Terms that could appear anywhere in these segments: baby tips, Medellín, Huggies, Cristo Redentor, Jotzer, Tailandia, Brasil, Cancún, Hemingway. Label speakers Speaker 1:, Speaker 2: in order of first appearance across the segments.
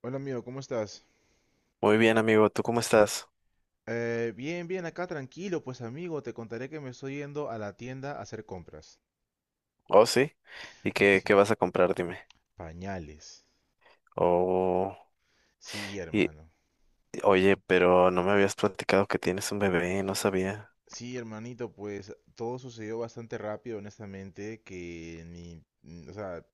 Speaker 1: Hola amigo, ¿cómo estás?
Speaker 2: Muy bien, amigo, ¿tú cómo estás?
Speaker 1: Bien, bien, acá tranquilo, pues amigo, te contaré que me estoy yendo a la tienda a hacer compras.
Speaker 2: Oh, sí. ¿Y qué
Speaker 1: Sí,
Speaker 2: vas a comprar? Dime.
Speaker 1: pañales.
Speaker 2: Oh,
Speaker 1: Sí,
Speaker 2: y
Speaker 1: hermano.
Speaker 2: oye, pero no me habías platicado que tienes un bebé, no sabía.
Speaker 1: Sí, hermanito, pues todo sucedió bastante rápido, honestamente, que ni, mm, o sea,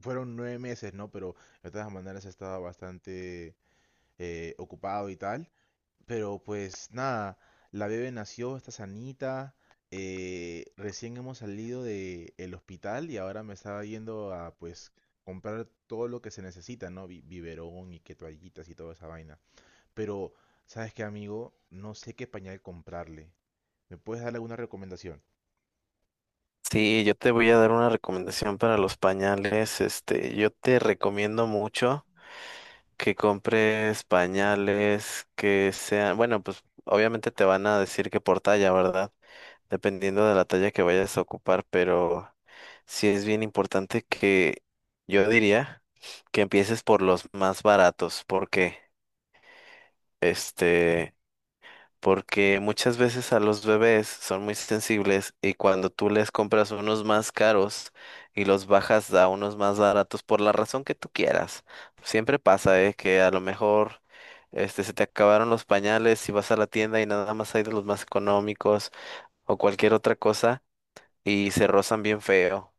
Speaker 1: fueron 9 meses, ¿no? Pero de todas maneras estaba bastante ocupado y tal. Pero pues nada, la bebé nació, está sanita. Recién hemos salido de el hospital y ahora me estaba yendo a pues comprar todo lo que se necesita, ¿no? Biberón y que toallitas y toda esa vaina. Pero, ¿sabes qué, amigo? No sé qué pañal comprarle. ¿Me puedes dar alguna recomendación?
Speaker 2: Sí, yo te voy a dar una recomendación para los pañales. Yo te recomiendo mucho que compres pañales que sean, bueno, pues obviamente te van a decir que por talla, ¿verdad? Dependiendo de la talla que vayas a ocupar, pero sí es bien importante que yo diría que empieces por los más baratos, porque este, porque muchas veces a los bebés son muy sensibles y cuando tú les compras unos más caros y los bajas a unos más baratos por la razón que tú quieras, siempre pasa, que a lo mejor se te acabaron los pañales y vas a la tienda y nada más hay de los más económicos o cualquier otra cosa y se rozan bien feo.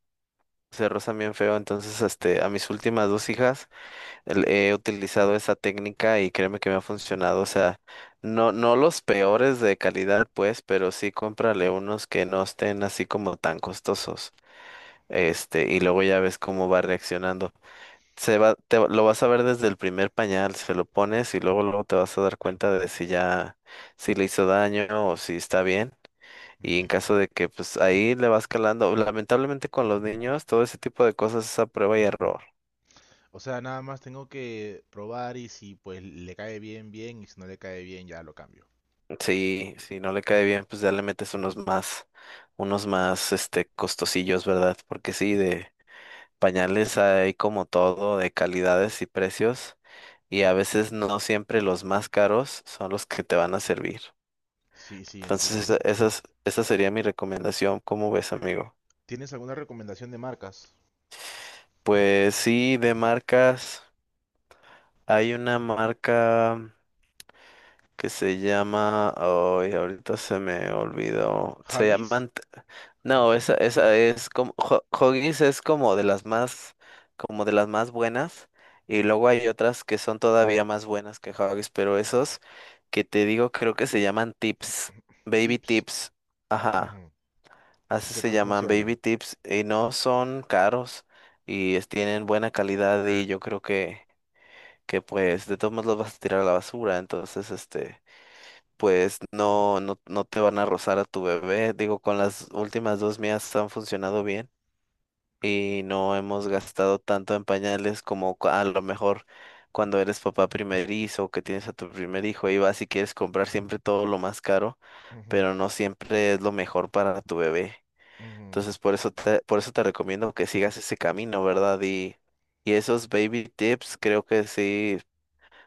Speaker 2: Se rozan bien feo. Entonces, a mis últimas dos hijas he utilizado esa técnica y créeme que me ha funcionado. O sea, no, no los peores de calidad, pues, pero sí cómprale unos que no estén así como tan costosos. Y luego ya ves cómo va reaccionando. Se va, te, va- Lo vas a ver desde el primer pañal, se lo pones y luego, luego te vas a dar cuenta de si le hizo daño o si está bien. Y
Speaker 1: Ujú.
Speaker 2: en caso de que pues ahí le vas calando, lamentablemente con los niños todo ese tipo de cosas es a prueba y error.
Speaker 1: O sea, nada más tengo que probar y si pues le cae bien, bien, y si no le cae bien, ya lo cambio.
Speaker 2: Sí, si no le cae bien, pues ya le metes unos más costosillos, ¿verdad? Porque sí, de pañales hay como todo, de calidades y precios, y a veces no siempre los más caros son los que te van a servir.
Speaker 1: Sí, sí,
Speaker 2: Entonces,
Speaker 1: entiendo.
Speaker 2: esa sería mi recomendación. ¿Cómo ves, amigo?
Speaker 1: ¿Tienes alguna recomendación de marcas?
Speaker 2: Pues sí, de marcas, hay una marca que se llama, ay, ahorita se me olvidó,
Speaker 1: Huggies,
Speaker 2: no, esa es como, Huggies es como de las más buenas, y luego hay otras que son todavía más buenas que Huggies, pero esos que te digo creo que se llaman tips, baby
Speaker 1: Tips.
Speaker 2: tips, ajá,
Speaker 1: Ujú. ¿Y
Speaker 2: así
Speaker 1: qué
Speaker 2: se
Speaker 1: tal
Speaker 2: llaman baby
Speaker 1: funcionan?
Speaker 2: tips, y no son caros, tienen buena calidad, y yo creo que pues, de todos modos los vas a tirar a la basura, entonces, pues no, no, no te van a rozar a tu bebé. Digo, con las últimas dos mías han funcionado bien y
Speaker 1: Ujú,
Speaker 2: no hemos gastado tanto en pañales como a lo mejor cuando eres papá primerizo, que tienes a tu primer hijo y vas y quieres comprar siempre todo lo más caro,
Speaker 1: ujú,
Speaker 2: pero no siempre es lo mejor para tu bebé.
Speaker 1: ujú.
Speaker 2: Entonces, por eso te recomiendo que sigas ese camino, ¿verdad? Y esos baby tips creo que sí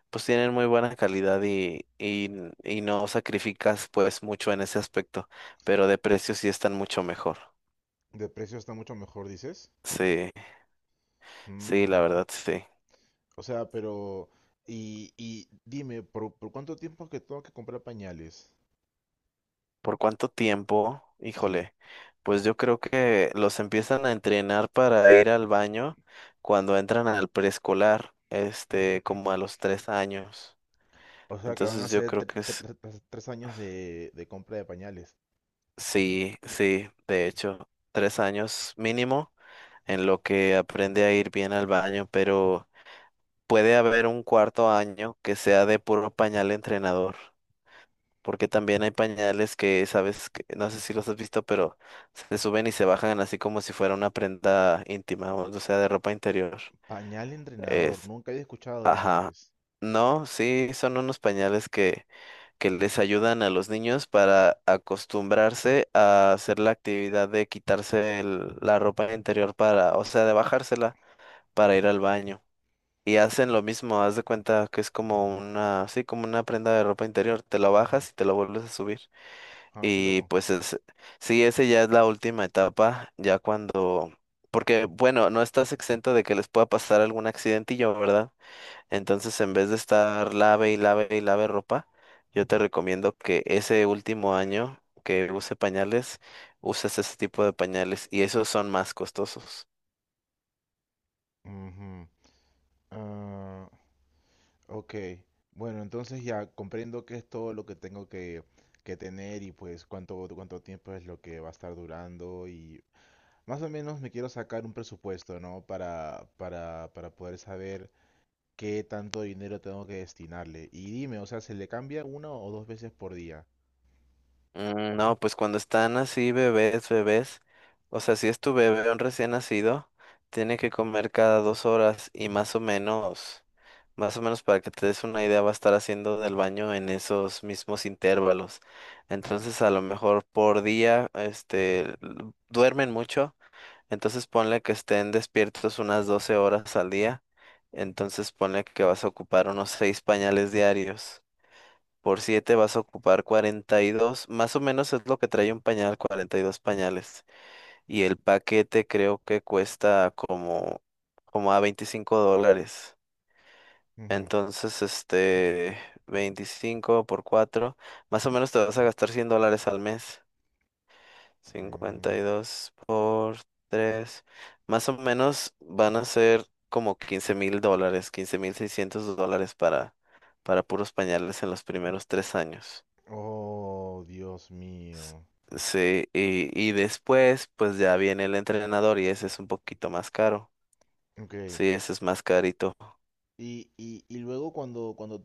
Speaker 2: pues tienen muy buena calidad y no sacrificas pues mucho en ese aspecto, pero de precio sí están mucho mejor.
Speaker 1: De precio está mucho mejor, dices.
Speaker 2: Sí, sí, la
Speaker 1: Mm,
Speaker 2: verdad sí.
Speaker 1: O sea, pero... Y dime, ¿por cuánto tiempo es que tengo que comprar pañales?
Speaker 2: ¿Por cuánto tiempo?
Speaker 1: Sí.
Speaker 2: Híjole, pues yo creo que los empiezan a entrenar para ir al baño cuando entran al preescolar, como a los 3 años.
Speaker 1: O sea, que van a
Speaker 2: Entonces yo
Speaker 1: ser
Speaker 2: creo
Speaker 1: tre-
Speaker 2: que
Speaker 1: tre-
Speaker 2: es,
Speaker 1: tre- tres tres años de compra de pañales.
Speaker 2: sí, sí, de
Speaker 1: Uy,
Speaker 2: hecho, 3 años mínimo en lo que aprende a ir bien al baño, pero puede haber un cuarto año que sea de puro pañal entrenador, porque también hay pañales que sabes, que, no sé si los has visto, pero se suben y se bajan así como si fuera una prenda íntima, o sea, de ropa interior.
Speaker 1: pañal entrenador,
Speaker 2: Es,
Speaker 1: nunca había escuchado de eso
Speaker 2: ajá.
Speaker 1: antes.
Speaker 2: No, sí, son unos pañales que les ayudan a los niños para acostumbrarse a hacer la actividad de quitarse la ropa interior para, o sea, de bajársela para ir al baño. Y hacen lo mismo, haz de cuenta que es como una, sí, como una prenda de ropa interior, te la
Speaker 1: Ujú.
Speaker 2: bajas y te la vuelves a subir.
Speaker 1: Ah, qué
Speaker 2: Y
Speaker 1: loco.
Speaker 2: pues es, sí, ese ya es la última etapa, ya cuando, porque bueno, no estás exento de que les pueda pasar algún accidentillo, ¿verdad? Entonces, en vez de estar lave y lave y lave ropa, yo te recomiendo que ese último año que use pañales, uses ese tipo de pañales y esos son más costosos.
Speaker 1: Ujú. Ah, ok, bueno, entonces ya comprendo que es todo lo que tengo que tener y pues cuánto tiempo es lo que va a estar durando y más o menos me quiero sacar un presupuesto, ¿no? Para poder saber qué tanto dinero tengo que destinarle. Y dime, o sea, ¿se le cambia una o dos veces por día?
Speaker 2: No, pues cuando están así bebés, bebés, o sea, si es tu bebé un recién nacido, tiene que comer cada 2 horas y más o menos para que te des una idea, va a estar haciendo del baño en esos mismos intervalos. Entonces, a lo mejor por día, duermen mucho, entonces ponle que estén despiertos unas 12 horas al día, entonces ponle que vas a ocupar unos 6 pañales diarios. Por 7 vas a ocupar 42. Más o menos es lo que trae un pañal, 42 pañales. Y el paquete creo que cuesta como, como a $25.
Speaker 1: Ujú.
Speaker 2: Entonces, 25 por 4, más o menos te vas a gastar $100 al mes. Cincuenta y
Speaker 1: Mm.
Speaker 2: dos por 3, más o menos van a ser como $15,000, $15,600 para puros pañales en los primeros 3 años.
Speaker 1: Oh, Dios mío.
Speaker 2: Sí, y después pues ya viene el entrenador y ese es un poquito más caro.
Speaker 1: Ok,
Speaker 2: Sí, ese es más carito.
Speaker 1: y luego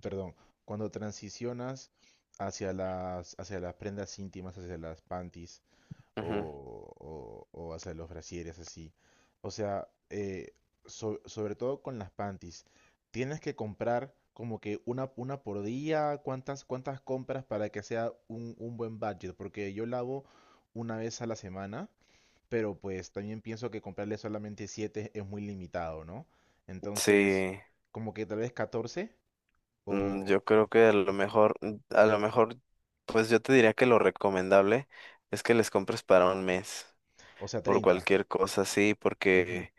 Speaker 1: perdón, cuando transicionas hacia las prendas íntimas, hacia las panties
Speaker 2: Ujú.
Speaker 1: o hacia los brasieres así. O sea, sobre todo con las panties, tienes que comprar como que una por día, cuántas compras para que sea un buen budget, porque yo lavo una vez a la semana, pero pues también pienso que comprarle solamente 7 es muy limitado, ¿no? Entonces,
Speaker 2: Sí,
Speaker 1: como que tal vez 14 o,
Speaker 2: yo creo que a lo mejor, pues yo te diría que lo recomendable es que les compres para un mes,
Speaker 1: O sea,
Speaker 2: por
Speaker 1: 30.
Speaker 2: cualquier cosa sí
Speaker 1: Ujú.
Speaker 2: porque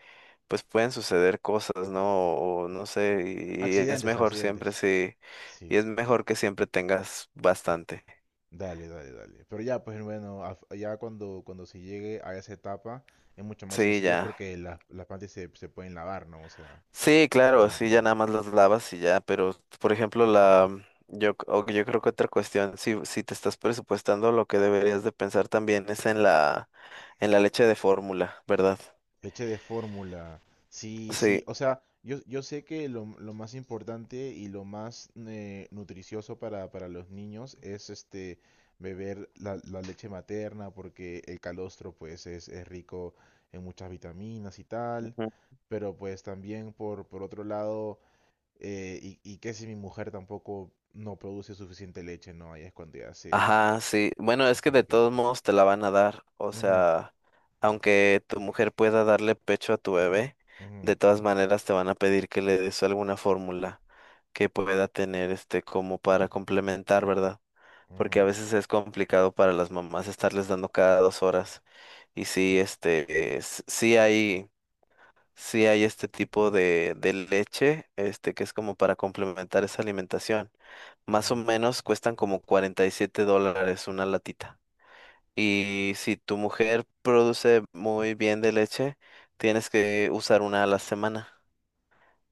Speaker 2: pues pueden suceder cosas, ¿no? O, no sé, y es
Speaker 1: Accidentes,
Speaker 2: mejor siempre
Speaker 1: accidentes.
Speaker 2: sí, y
Speaker 1: Sí,
Speaker 2: es mejor que siempre tengas bastante.
Speaker 1: dale, dale, dale. Pero ya, pues bueno, ya cuando se llegue a esa etapa es mucho más
Speaker 2: Sí,
Speaker 1: sencillo
Speaker 2: ya.
Speaker 1: porque las plantas se pueden lavar, ¿no? O sea,
Speaker 2: Sí,
Speaker 1: sin
Speaker 2: claro,
Speaker 1: ningún
Speaker 2: sí, ya
Speaker 1: problema.
Speaker 2: nada más las lavas y ya, pero por ejemplo, la mm, yo, c- o yo creo que otra cuestión, si te estás presupuestando, lo que deberías de pensar también es en en la leche de fórmula, ¿verdad?
Speaker 1: Leche de fórmula. Sí,
Speaker 2: Sí,
Speaker 1: sí. O sea, yo sé que lo más importante y lo más nutricioso para los niños es este beber la leche materna porque el calostro pues es rico en muchas vitaminas y tal.
Speaker 2: ujú,
Speaker 1: Pero pues también por otro lado, y que si mi mujer tampoco no produce suficiente leche, ¿no? Ahí es cuando ya se,
Speaker 2: ajá, sí. Bueno, es que
Speaker 1: se le
Speaker 2: de
Speaker 1: queda.
Speaker 2: todos modos te la van a dar, o
Speaker 1: Ujú,
Speaker 2: sea, aunque tu mujer pueda darle pecho a tu bebé,
Speaker 1: ujú,
Speaker 2: de todas maneras te van a pedir que le des alguna fórmula que pueda tener como para complementar, ¿verdad? Porque a
Speaker 1: ujú,
Speaker 2: veces es complicado para las mamás estarles dando cada 2 horas. Y sí, sí hay, este tipo de leche, que es como para complementar esa alimentación. Más o
Speaker 1: ujú,
Speaker 2: menos cuestan como $47 una latita. Y si tu mujer produce muy bien de leche, tienes
Speaker 1: ujú.
Speaker 2: que usar una a la semana.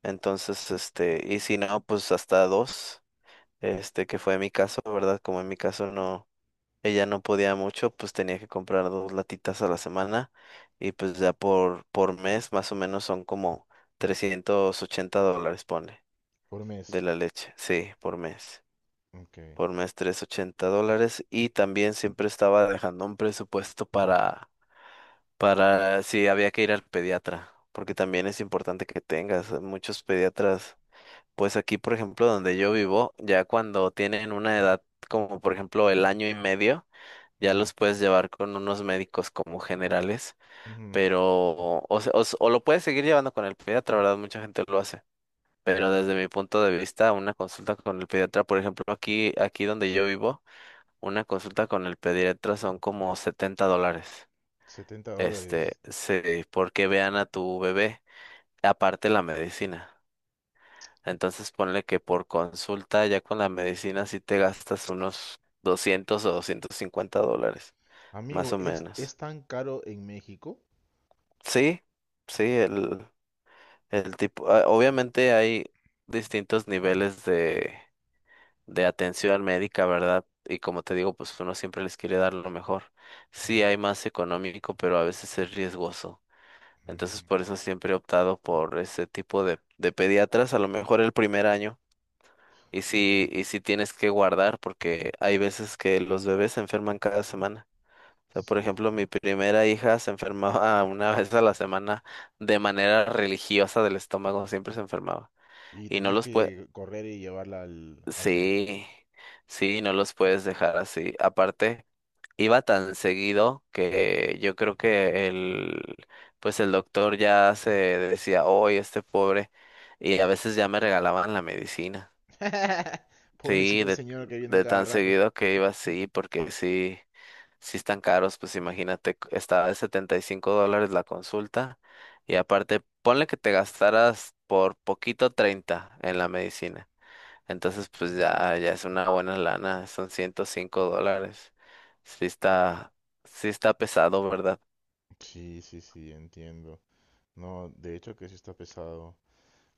Speaker 2: Entonces, y si no, pues hasta dos, que fue mi caso, ¿verdad? Como en mi caso no, ella no podía mucho, pues tenía que comprar dos latitas a la semana y pues ya por mes más o menos son como $380, pone,
Speaker 1: Por mes.
Speaker 2: de la leche, sí, por mes.
Speaker 1: Ok.
Speaker 2: Por mes $380 y también siempre estaba dejando un presupuesto para si había que ir al pediatra, porque también es importante que tengas muchos pediatras. Pues aquí, por ejemplo, donde yo vivo, ya cuando tienen una edad como por ejemplo el año y medio, ya los puedes llevar con unos médicos como generales,
Speaker 1: Ujú,
Speaker 2: pero o lo puedes seguir llevando con el pediatra, ¿verdad? Mucha gente lo hace. Pero desde mi punto de vista, una consulta con el pediatra, por ejemplo, aquí donde yo vivo, una consulta con el pediatra son como $70.
Speaker 1: setenta dólares.
Speaker 2: Sí, porque vean a tu bebé, aparte la medicina. Entonces ponle que por consulta ya con la medicina sí te gastas unos 200 o $250,
Speaker 1: Amigo,
Speaker 2: más o
Speaker 1: ¿es
Speaker 2: menos.
Speaker 1: tan caro en México?
Speaker 2: Sí, sí, el tipo, ah, obviamente hay distintos niveles de atención médica, ¿verdad? Y como te digo, pues uno siempre les quiere dar lo mejor.
Speaker 1: Ujú,
Speaker 2: Sí, hay más económico, pero a veces es riesgoso.
Speaker 1: ujú,
Speaker 2: Entonces, por eso siempre he optado por ese tipo de pediatras, a lo mejor el primer año.
Speaker 1: ok.
Speaker 2: Y sí tienes que guardar, porque hay veces que los bebés se enferman cada semana. O sea,
Speaker 1: S-
Speaker 2: por
Speaker 1: uf,
Speaker 2: ejemplo, mi primera hija se enfermaba una vez a la semana de manera religiosa del estómago, siempre se enfermaba.
Speaker 1: y
Speaker 2: Y no
Speaker 1: tenías
Speaker 2: los puedes,
Speaker 1: que correr y llevarla al médico.
Speaker 2: sí, sí, no los puedes dejar así. Aparte, iba tan seguido que yo creo que el, pues el doctor ya se decía, hoy este pobre, y a veces ya me regalaban la medicina.
Speaker 1: Pobrecito
Speaker 2: Sí,
Speaker 1: el señor que viene a
Speaker 2: de
Speaker 1: cada
Speaker 2: tan
Speaker 1: rato.
Speaker 2: seguido que iba, sí, porque sí, sí están caros, pues imagínate, estaba de $75 la consulta y aparte, ponle que te gastaras por poquito 30 en la medicina, entonces pues ya, ya es una buena lana, son $105, sí está, sí está pesado, ¿verdad?
Speaker 1: Sí, sí, sí, entiendo. No, de hecho que sí está pesado.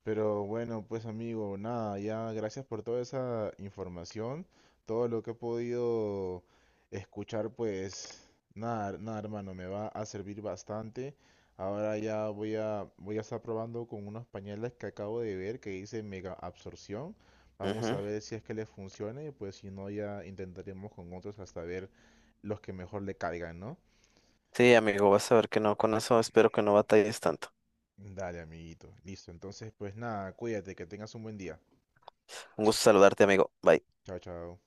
Speaker 1: Pero bueno, pues amigo, nada, ya gracias por toda esa información, todo lo que he podido escuchar, pues nada, nada hermano, me va a servir bastante. Ahora ya voy a estar probando con unos pañales que acabo de ver que dice mega absorción. Vamos a
Speaker 2: Ujú.
Speaker 1: ver si es que les funciona y pues si no ya intentaremos con otros hasta ver los que mejor le caigan, ¿no?
Speaker 2: Sí, amigo, vas a ver que no, con eso espero que no batalles tanto.
Speaker 1: Dale, amiguito, listo. Entonces, pues nada, cuídate, que tengas un buen día.
Speaker 2: Un gusto saludarte, amigo. Bye.
Speaker 1: Chao, chao.